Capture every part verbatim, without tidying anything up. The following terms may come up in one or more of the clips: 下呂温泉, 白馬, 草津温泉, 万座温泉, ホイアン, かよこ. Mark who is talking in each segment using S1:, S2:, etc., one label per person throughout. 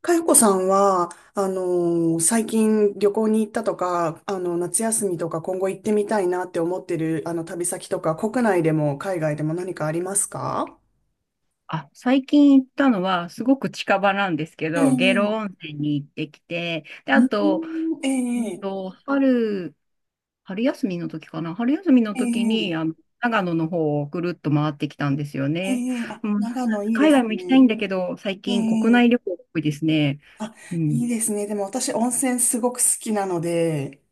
S1: かよこさんは、あのー最近旅行に行ったとか、あの、夏休みとか今後行ってみたいなって思ってる、あの、旅先とか、国内でも海外でも何かありますか？
S2: あ、最近行ったのは、すごく近場なんですけ
S1: え
S2: ど、下呂
S1: え。
S2: 温泉に行ってきて、で、あ
S1: うー
S2: と、
S1: ん。
S2: う
S1: え
S2: ん
S1: え。
S2: と、春、春休みの時かな、春休みの
S1: え
S2: 時
S1: え。
S2: に、あの、長野の方をぐるっと回ってきたんですよ
S1: え
S2: ね。
S1: え、あ、
S2: うん、
S1: 長野いいで
S2: 海外
S1: す
S2: も行きたい
S1: ね。
S2: んだけど、最
S1: え
S2: 近国
S1: え、
S2: 内旅行が多いですね。
S1: あ、
S2: う
S1: い
S2: ん、
S1: いですね。でも私、温泉すごく好きなので、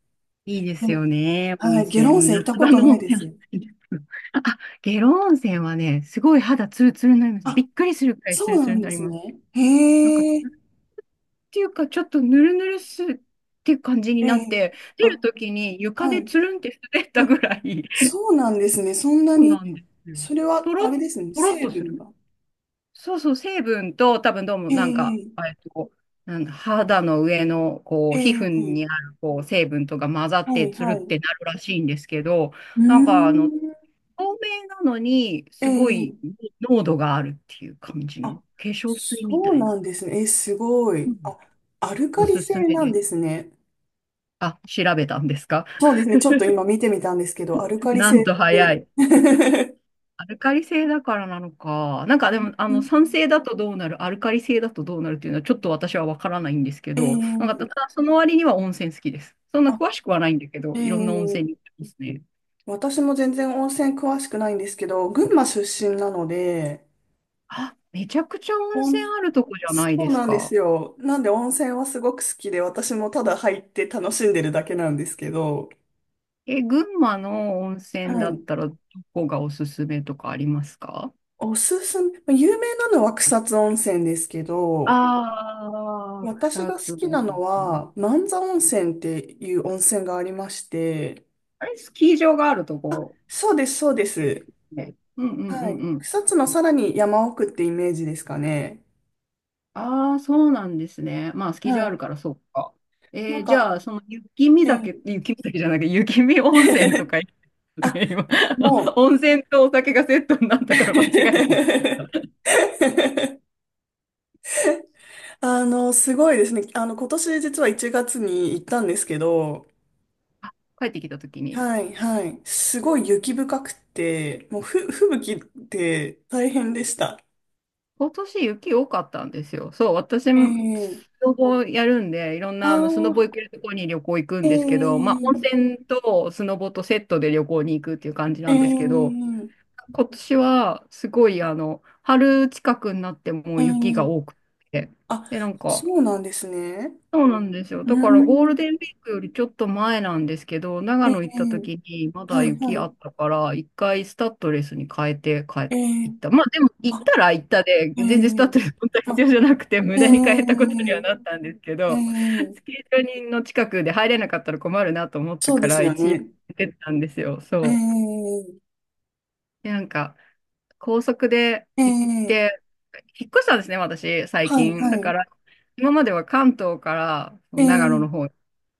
S2: いいで
S1: で
S2: す
S1: も、
S2: よね、温
S1: はい、下呂温
S2: 泉。
S1: 泉行った
S2: 夏
S1: こ
S2: 場
S1: と
S2: の
S1: ない
S2: 温
S1: で
S2: 泉は好
S1: す。
S2: きです。あ、下呂温泉はね、すごい肌ツルツルになります。び
S1: あ、
S2: っくりするくらい
S1: そ
S2: ツル
S1: うな
S2: ツル
S1: ん
S2: にな
S1: で
S2: り
S1: す
S2: ます。
S1: ね。
S2: なんか、
S1: へえ、
S2: ていうか、ちょっとぬるぬるすって感じに
S1: え
S2: なっ
S1: え、
S2: て、出る
S1: あ、
S2: ときに床
S1: は
S2: で
S1: い。
S2: つるんって滑った
S1: え、
S2: ぐらい、
S1: そうなんですね。そんな
S2: そう
S1: に、
S2: なんですよ。
S1: それは、
S2: とろ
S1: あ
S2: っ、
S1: れですね。
S2: とろっ
S1: 成
S2: とする。
S1: 分が。
S2: そうそう、成分と、多分どうもなんか、
S1: ええ。
S2: えっと、なんだ、肌の上の、こう、皮
S1: え
S2: 膚
S1: え、
S2: にある、こう、成分とか混ざっ
S1: は
S2: て、
S1: い、
S2: つるっ
S1: はい。う
S2: てなるらしいんですけど、
S1: ー
S2: なんか、あ
S1: ん。
S2: の、透明なのに、すごい
S1: ええ、
S2: 濃度があるっていう感じの、
S1: あ、
S2: 化粧水み
S1: そ
S2: た
S1: う
S2: い
S1: な
S2: な。
S1: んですね。え、すご
S2: う
S1: い。
S2: ん。
S1: あ、アルカ
S2: お
S1: リ
S2: すす
S1: 性
S2: め
S1: なん
S2: です。
S1: ですね。
S2: あ、調べたんですか？
S1: そうですね。ちょっと今見てみたんですけど、アルカリ
S2: な
S1: 性
S2: んと
S1: っ
S2: 早
S1: て。
S2: い。アルカリ性だからなのか。なんかでも、あ
S1: う
S2: の、
S1: ん。
S2: 酸性だとどうなる、アルカリ性だとどうなるっていうのはちょっと私はわからないんですけ
S1: え
S2: ど、なんかた
S1: え、
S2: だその割には温泉好きです。そんな詳しくはないんだけ
S1: あ、
S2: ど、いろんな温泉
S1: え
S2: に行っ
S1: え、
S2: てますね。
S1: 私も全然温泉詳しくないんですけど、群馬出身なので、
S2: あ、めちゃくちゃ温泉
S1: 温
S2: あるとこじゃない
S1: そ
S2: で
S1: う
S2: す
S1: なんです
S2: か。
S1: よ。なんで温泉はすごく好きで、私もただ入って楽しんでるだけなんですけど、
S2: え、群馬の温泉
S1: は
S2: だっ
S1: い。
S2: たらどこがおすすめとかありますか？
S1: おすすめ、まあ有名なのは草津温泉ですけど、
S2: ああー、
S1: 私
S2: 草
S1: が好
S2: 津。
S1: きなのは、万座温泉っていう温泉がありまして、
S2: あれ、スキー場があるとこ。
S1: そうです、そうです。
S2: ね、うんう
S1: は
S2: ん
S1: い。
S2: うん、
S1: 草津のさらに山奥ってイメージですかね。
S2: ああ、そうなんですね。まあ、スキー
S1: は
S2: 場ある
S1: い。
S2: から、そうか。
S1: な
S2: えー、
S1: ん
S2: じ
S1: か、
S2: ゃあ、その雪見
S1: え
S2: 酒、
S1: ー
S2: 雪見酒じゃなくて、雪見温泉と か言っ
S1: あ、
S2: てね、今、
S1: もう
S2: 温泉とお酒がセットになったから間違えて。
S1: あの、すごいですね。あの、今年実はいちがつに行ったんですけど、
S2: あ、帰ってきたときに、
S1: はい、はい。すごい雪深くて、もうふ、吹雪で大変でした。
S2: 今年雪多かったんですよ。そう、私も
S1: え
S2: ス
S1: え、
S2: ノボやるんで、いろん
S1: あ
S2: なあのスノボ
S1: ー。
S2: 行けるところに旅行行くんですけど、ま
S1: ええ。
S2: あ、温泉とスノボとセットで旅行に行くっていう感じなんですけど、
S1: ええ。
S2: 今年はすごいあの、春近くになっても
S1: え
S2: う雪が多
S1: え、
S2: くて。
S1: あ、
S2: で、なんか、
S1: そうなんですね。
S2: そうなんですよ。
S1: う
S2: だからゴー
S1: ー
S2: ル
S1: ん。
S2: デンウィークよりちょっと前なんですけど、長
S1: え
S2: 野行った
S1: え、
S2: 時にま
S1: は
S2: だ
S1: い、は
S2: 雪あ
S1: い。
S2: ったから、一回スタッドレスに変えて帰っ
S1: ええ、
S2: 行った。まあでも行っ
S1: あ、
S2: たら行ったで、
S1: え
S2: 全然スタッ
S1: え、
S2: ドレス本当は必要
S1: ま、
S2: じゃなくて無
S1: え
S2: 駄に変えたことには
S1: え。
S2: なったんですけ
S1: え
S2: ど、ス
S1: え、
S2: キー場の近くで入れなかったら困るなと思った
S1: そう
S2: か
S1: です
S2: ら
S1: よ
S2: 一応行
S1: ね。
S2: ってたんですよ。
S1: え
S2: そう。
S1: え。
S2: で、なんか、高速で
S1: え
S2: 行っ
S1: え、
S2: て、引っ越したんですね、私、最
S1: はい、
S2: 近。
S1: は
S2: だから、
S1: い。
S2: 今までは関東から長野
S1: え
S2: の
S1: え、
S2: 方に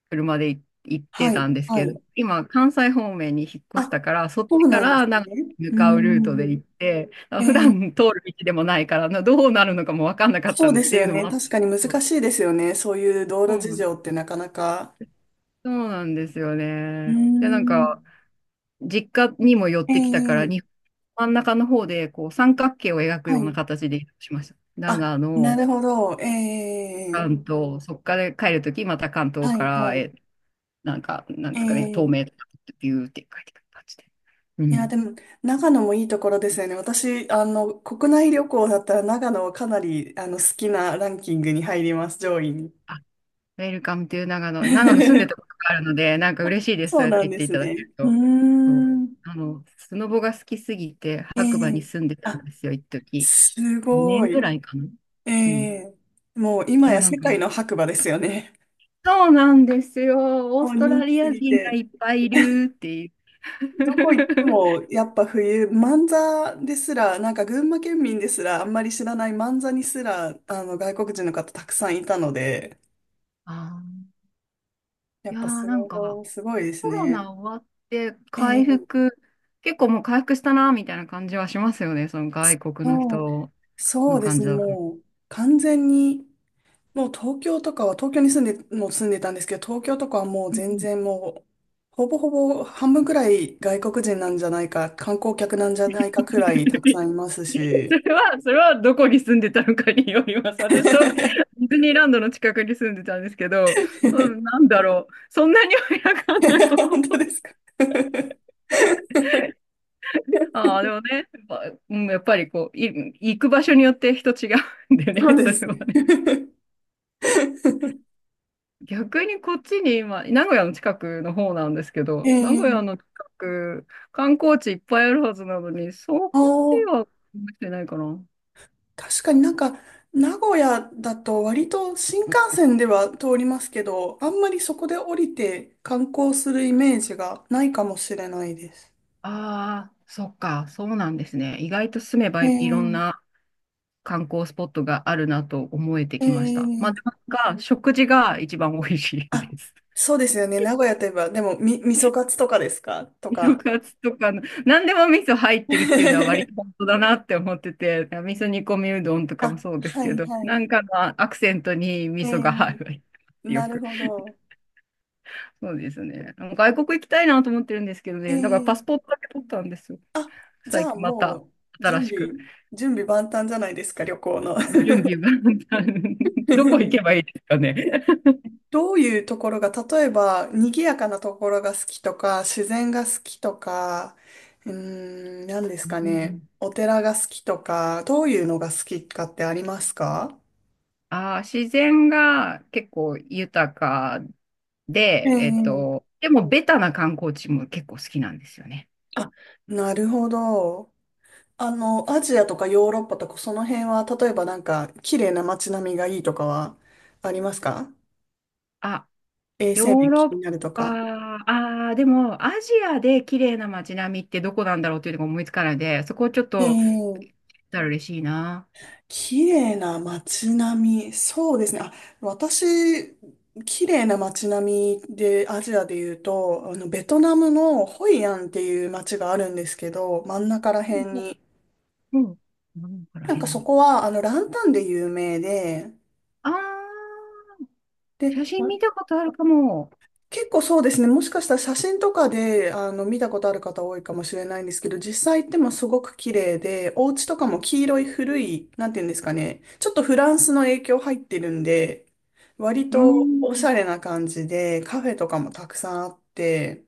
S2: 車でい行って
S1: は
S2: た
S1: い、
S2: んです
S1: は
S2: け
S1: い。
S2: ど、今、関西方面に引っ越し
S1: あ、
S2: たから、そっ
S1: そ
S2: ち
S1: う
S2: か
S1: なんです
S2: ら長野
S1: ね。
S2: に向
S1: うー
S2: かうルートで
S1: ん。
S2: 行って、
S1: え
S2: あ、普
S1: え、
S2: 段通る道でもないから、などうなるのかも分かんなかった
S1: そうで
S2: っ
S1: す
S2: てい
S1: よ
S2: うのも
S1: ね。
S2: あったん
S1: 確
S2: です
S1: かに
S2: け
S1: 難
S2: ど、
S1: しいですよね。そういう道
S2: そ
S1: 路
S2: うな
S1: 事
S2: ん
S1: 情ってなかなか。
S2: そうなんですよ
S1: うー
S2: ね。で、なん
S1: ん。
S2: か、実家にも寄ってきたから、
S1: ええ、
S2: に真ん中の方でこう三角形を描く
S1: は
S2: ような
S1: い。
S2: 形で移動しました。
S1: あ、
S2: 長
S1: な
S2: 野、
S1: るほど。ええ、
S2: 関東、そこから帰るとき、また関東
S1: は
S2: か
S1: い、
S2: ら、
S1: はい。
S2: え、なんか、なんですかね、東
S1: え
S2: 名
S1: え、
S2: とかビューって帰ってくる感じで。う
S1: いや、
S2: ん。
S1: でも、長野もいいところですよね。私、あの、国内旅行だったら長野はかなり、あの、好きなランキングに入ります、上位に。
S2: あ、ウェルカムという長野。長野住んでたこと があるので、なんか嬉しいです。そ
S1: そ
S2: う
S1: う
S2: やって
S1: なん
S2: 言っ
S1: で
S2: てい
S1: す
S2: ただけ
S1: ね。
S2: る
S1: うー
S2: と。そう。
S1: ん。
S2: あの、スノボが好きすぎて、
S1: え
S2: 白馬に
S1: え、
S2: 住んでた
S1: あ、
S2: んですよ、一時。
S1: す
S2: 5
S1: ご
S2: 年ぐ
S1: い。
S2: らいかな。
S1: え
S2: うん。い
S1: え、もう今
S2: や、
S1: や
S2: なん
S1: 世
S2: か、
S1: 界の白馬ですよね。
S2: そうなんですよ。オー
S1: もう
S2: スト
S1: 人
S2: ラ
S1: 気
S2: リ
S1: す
S2: ア
S1: ぎ
S2: 人が
S1: て、
S2: いっぱいいるっていう。
S1: どこ行っても やっぱ冬、万座ですら、なんか群馬県民ですらあんまり知らない万座にすら、あの外国人の方たくさんいたので、
S2: あ
S1: や
S2: ー、い
S1: っ
S2: やー、
S1: ぱス
S2: なん
S1: ノ
S2: か、
S1: ボすごいです
S2: コロ
S1: ね。
S2: ナ終わって回
S1: ええ、
S2: 復、結構もう回復したなみたいな感じはしますよね、その外国の
S1: そう、
S2: 人
S1: そ
S2: の
S1: うで
S2: 感
S1: す
S2: じ
S1: ね、
S2: だと。
S1: もう完全にもう東京とかは、東京に住んで、もう住んでたんですけど、東京とかはもう
S2: う
S1: 全
S2: ん。
S1: 然もう、ほぼほぼ半分くらい外国人なんじゃないか、観光客なんじゃないかくらいたくさんいます
S2: そ
S1: し。
S2: れは、それはどこに住んでたのかによります。私とデ ィズニーランドの近くに住んでたんですけど、うん、なんだろう、そんなにはいなかったと
S1: 本
S2: 思
S1: 当
S2: う。
S1: ですか？
S2: ああ、でもね、やっぱ、うんやっぱりこう、い、行く場所によって人違うんでね、
S1: そう で
S2: そ
S1: す
S2: れは
S1: ね。
S2: ね。逆にこっちに今、名古屋の近くの方なんですけ
S1: え
S2: ど、名古屋
S1: ー、
S2: の近く、観光地いっぱいあるはずなのに、そこ
S1: あ
S2: で
S1: ー、
S2: はできてないかな。
S1: 確かに、なんか、名古屋だと割と新幹線では通りますけど、あんまりそこで降りて観光するイメージがないかもしれないです。
S2: ああ、そっか、そうなんですね。意外と住めば
S1: え
S2: いいろん
S1: ー
S2: な観光スポットがあるなと思えてきました。まあ、
S1: ええ、
S2: なんか、食事が一番美味しい
S1: あ、
S2: です。
S1: そうですよね。名古屋といえば、でも、み、味噌カツとかですかと
S2: 色
S1: か。
S2: カツとかの、何でも味噌入ってるっていうのは割と本 当だなって思ってて、味噌煮込みうどんとかも
S1: あ、
S2: そうです
S1: は
S2: け
S1: い
S2: ど、
S1: は
S2: なん
S1: い。
S2: かのアクセントに味
S1: え
S2: 噌
S1: え、
S2: が入る。よ
S1: なる
S2: く。
S1: ほど。
S2: そうですね。外国行きたいなと思ってるんですけどね。だからパス
S1: ええ、
S2: ポートだけ取ったんですよ。
S1: あ、じ
S2: 最
S1: ゃあ
S2: 近また
S1: もう、
S2: 新
S1: 準
S2: し
S1: 備、
S2: く。
S1: 準備万端じゃないですか、旅行の。
S2: 準備が どこ行 けばいいですかね。
S1: どういうところが、例えば、賑やかなところが好きとか、自然が好きとか、うーん、何です
S2: う
S1: かね。
S2: ん。
S1: お寺が好きとか、どういうのが好きかってありますか？
S2: あー、自然が結構豊か
S1: え
S2: で、えっ
S1: え、
S2: と、でもベタな観光地も結構好きなんですよね。
S1: あ、なるほど。あの、アジアとかヨーロッパとかその辺は、例えばなんか、綺麗な街並みがいいとかはありますか？
S2: あ、
S1: 衛
S2: ヨ
S1: 生
S2: ー
S1: 面
S2: ロッ
S1: 気になると
S2: パ、
S1: か。
S2: ああ、でも、アジアで綺麗な街並みってどこなんだろうっていうのが思いつかないので、そこをちょっ
S1: え
S2: と、
S1: え、
S2: たら嬉しいな。
S1: 綺麗な街並み。そうですね。あ、私、綺麗な街並みで、アジアで言うと、あの、ベトナムのホイアンっていう街があるんですけど、真ん中ら辺
S2: う
S1: に。
S2: ん。うん。ら
S1: なん
S2: 辺
S1: かそ
S2: に。
S1: こは、あの、ランタンで有名で、
S2: ああ、写
S1: で、
S2: 真
S1: ま
S2: 見たことあるかも。
S1: 結構そうですね。もしかしたら写真とかで、あの、見たことある方多いかもしれないんですけど、実際行ってもすごく綺麗で、お家とかも黄色い古い、なんていうんですかね。ちょっとフランスの影響入ってるんで、割
S2: う
S1: と
S2: ん。
S1: おしゃれな感じで、カフェとかもたくさんあって、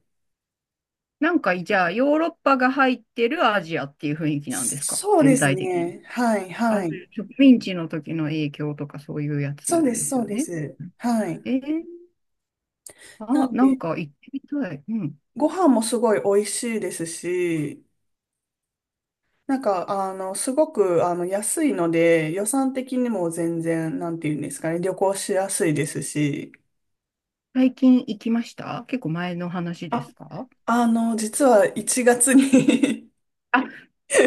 S2: なんか、じゃあ、ヨーロッパが入ってるアジアっていう雰囲気なんですか？
S1: そうで
S2: 全
S1: す
S2: 体的に。
S1: ね。はい、
S2: あ、
S1: は
S2: そう
S1: い。
S2: いう植民地の時の影響とかそういうやつ
S1: そうで
S2: で
S1: す、
S2: す
S1: そう
S2: よ
S1: で
S2: ね。
S1: す。はい。
S2: えー、
S1: な
S2: あ、
S1: ん
S2: なん
S1: で、
S2: か行ってみたい。うん。
S1: ご飯もすごい美味しいですし、なんか、あの、すごく、あの、安いので、予算的にも全然、なんていうんですかね、旅行しやすいですし、
S2: 最近行きました？結構前の話で
S1: あ、
S2: すか？
S1: あの、実はいちがつに
S2: あ、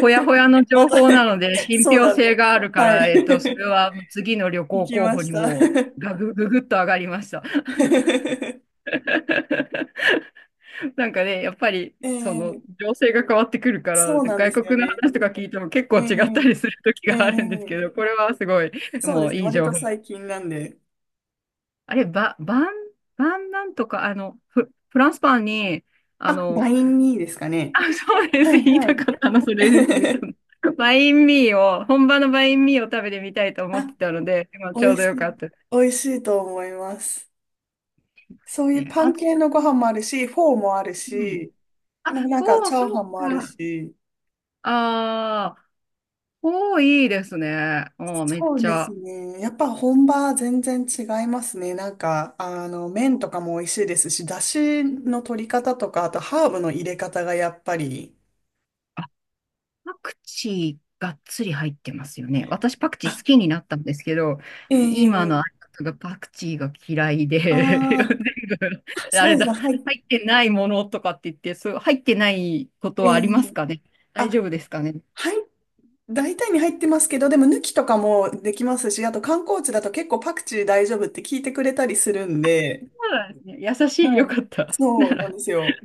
S2: ほやほや の
S1: ま
S2: 情
S1: た、
S2: 報なので、信
S1: そう
S2: 憑
S1: なんで
S2: 性
S1: す。
S2: があるか
S1: は
S2: ら、
S1: い。
S2: えっと、それ は次の旅
S1: 行
S2: 行
S1: き
S2: 候
S1: ま
S2: 補
S1: し
S2: にもう
S1: た。
S2: ガグ、ググッと上がりました。なんかね、やっぱり、その、
S1: ええ、
S2: 情勢が変わってくるか
S1: そ
S2: ら、
S1: うなんで
S2: 外
S1: すよ
S2: 国の
S1: ね。
S2: 話とか聞いても結構
S1: え
S2: 違っ
S1: え。
S2: たりする時
S1: え
S2: があるんですけ
S1: え、
S2: ど、これはすごい、
S1: そう
S2: も
S1: です
S2: う
S1: ね。
S2: いい
S1: 割
S2: 情
S1: と
S2: 報。
S1: 最近なんで。
S2: あれ、ば、ばん、ばんなんとか、あの、フ、フランスパンに、あ
S1: あ、
S2: の、
S1: ライン にですかね。
S2: あ、そうで
S1: は
S2: す。
S1: い
S2: 言い
S1: は
S2: た
S1: い。
S2: かったの、それです。ベトナ ム。バインミーを、本場のバインミーを食べてみたいと思っ
S1: あ、
S2: てたので、今
S1: 美
S2: ちょう
S1: 味
S2: どよ
S1: し
S2: かっ
S1: い。
S2: たです
S1: 美味しいと思います。そういう
S2: ね。
S1: パ
S2: あ
S1: ン
S2: と、
S1: 系のご飯もあるし、フォーもある
S2: うん。
S1: し、
S2: あ、
S1: ななん
S2: フ
S1: か
S2: ォ
S1: チ
S2: ー、
S1: ャ
S2: そ
S1: ー
S2: う
S1: ハンもある
S2: か。
S1: し、
S2: ああ、フォーいいですね。あー、めっ
S1: そう
S2: ち
S1: です
S2: ゃ。
S1: ね。やっぱ本場は全然違いますね。なんか、あの、麺とかも美味しいですし、だしの取り方とか、あとハーブの入れ方がやっぱり、
S2: あ、パクチーがっつり入ってますよね。私パクチー
S1: あ、
S2: 好きになったんですけど、今の
S1: ええ、
S2: 相方がパクチーが嫌いで、全
S1: ああー、
S2: 部、あ
S1: そ
S2: れ
S1: うで
S2: だ、
S1: すね。はい。
S2: 入ってないものとかって言って、そう、入ってないこと
S1: え
S2: はあ
S1: え、
S2: りますかね？大
S1: あ、
S2: 丈夫ですかね？
S1: はい。大体に入ってますけど、でも抜きとかもできますし、あと観光地だと結構パクチー大丈夫って聞いてくれたりするんで、
S2: ならですね、優しい、
S1: は
S2: よ
S1: い。
S2: かった。な
S1: そうなん
S2: ら、
S1: ですよ。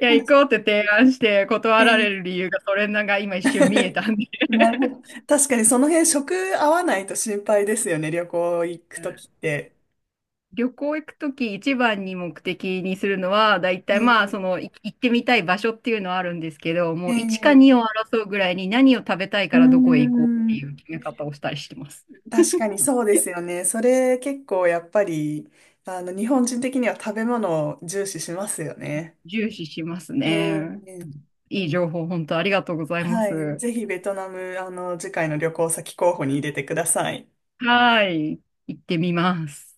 S2: いや、行こうって提案して
S1: え
S2: 断られる
S1: ー
S2: 理由がそれなんか今一瞬見えた んで。
S1: なるほど。確かにその辺食合わないと心配ですよね、旅行行くときって。
S2: 旅行行くとき一番に目的にするのは、だいたい
S1: え
S2: まあ、そ
S1: え。
S2: の、い行ってみたい場所っていうのはあるんですけど、もういちか
S1: え
S2: にを
S1: え、
S2: 争うぐらいに何を食べたい
S1: う
S2: か
S1: ー
S2: らどこへ行こうってい
S1: ん、
S2: う決め方をしたりしてます。
S1: 確かにそうですよね。それ結構やっぱり、あの、日本人的には食べ物を重視しますよね。
S2: 重視しますね。
S1: ええ、
S2: いい情報、本当ありがとうございま
S1: はい。
S2: す。
S1: ぜひベトナム、あの、次回の旅行先候補に入れてください。
S2: はい。行ってみます。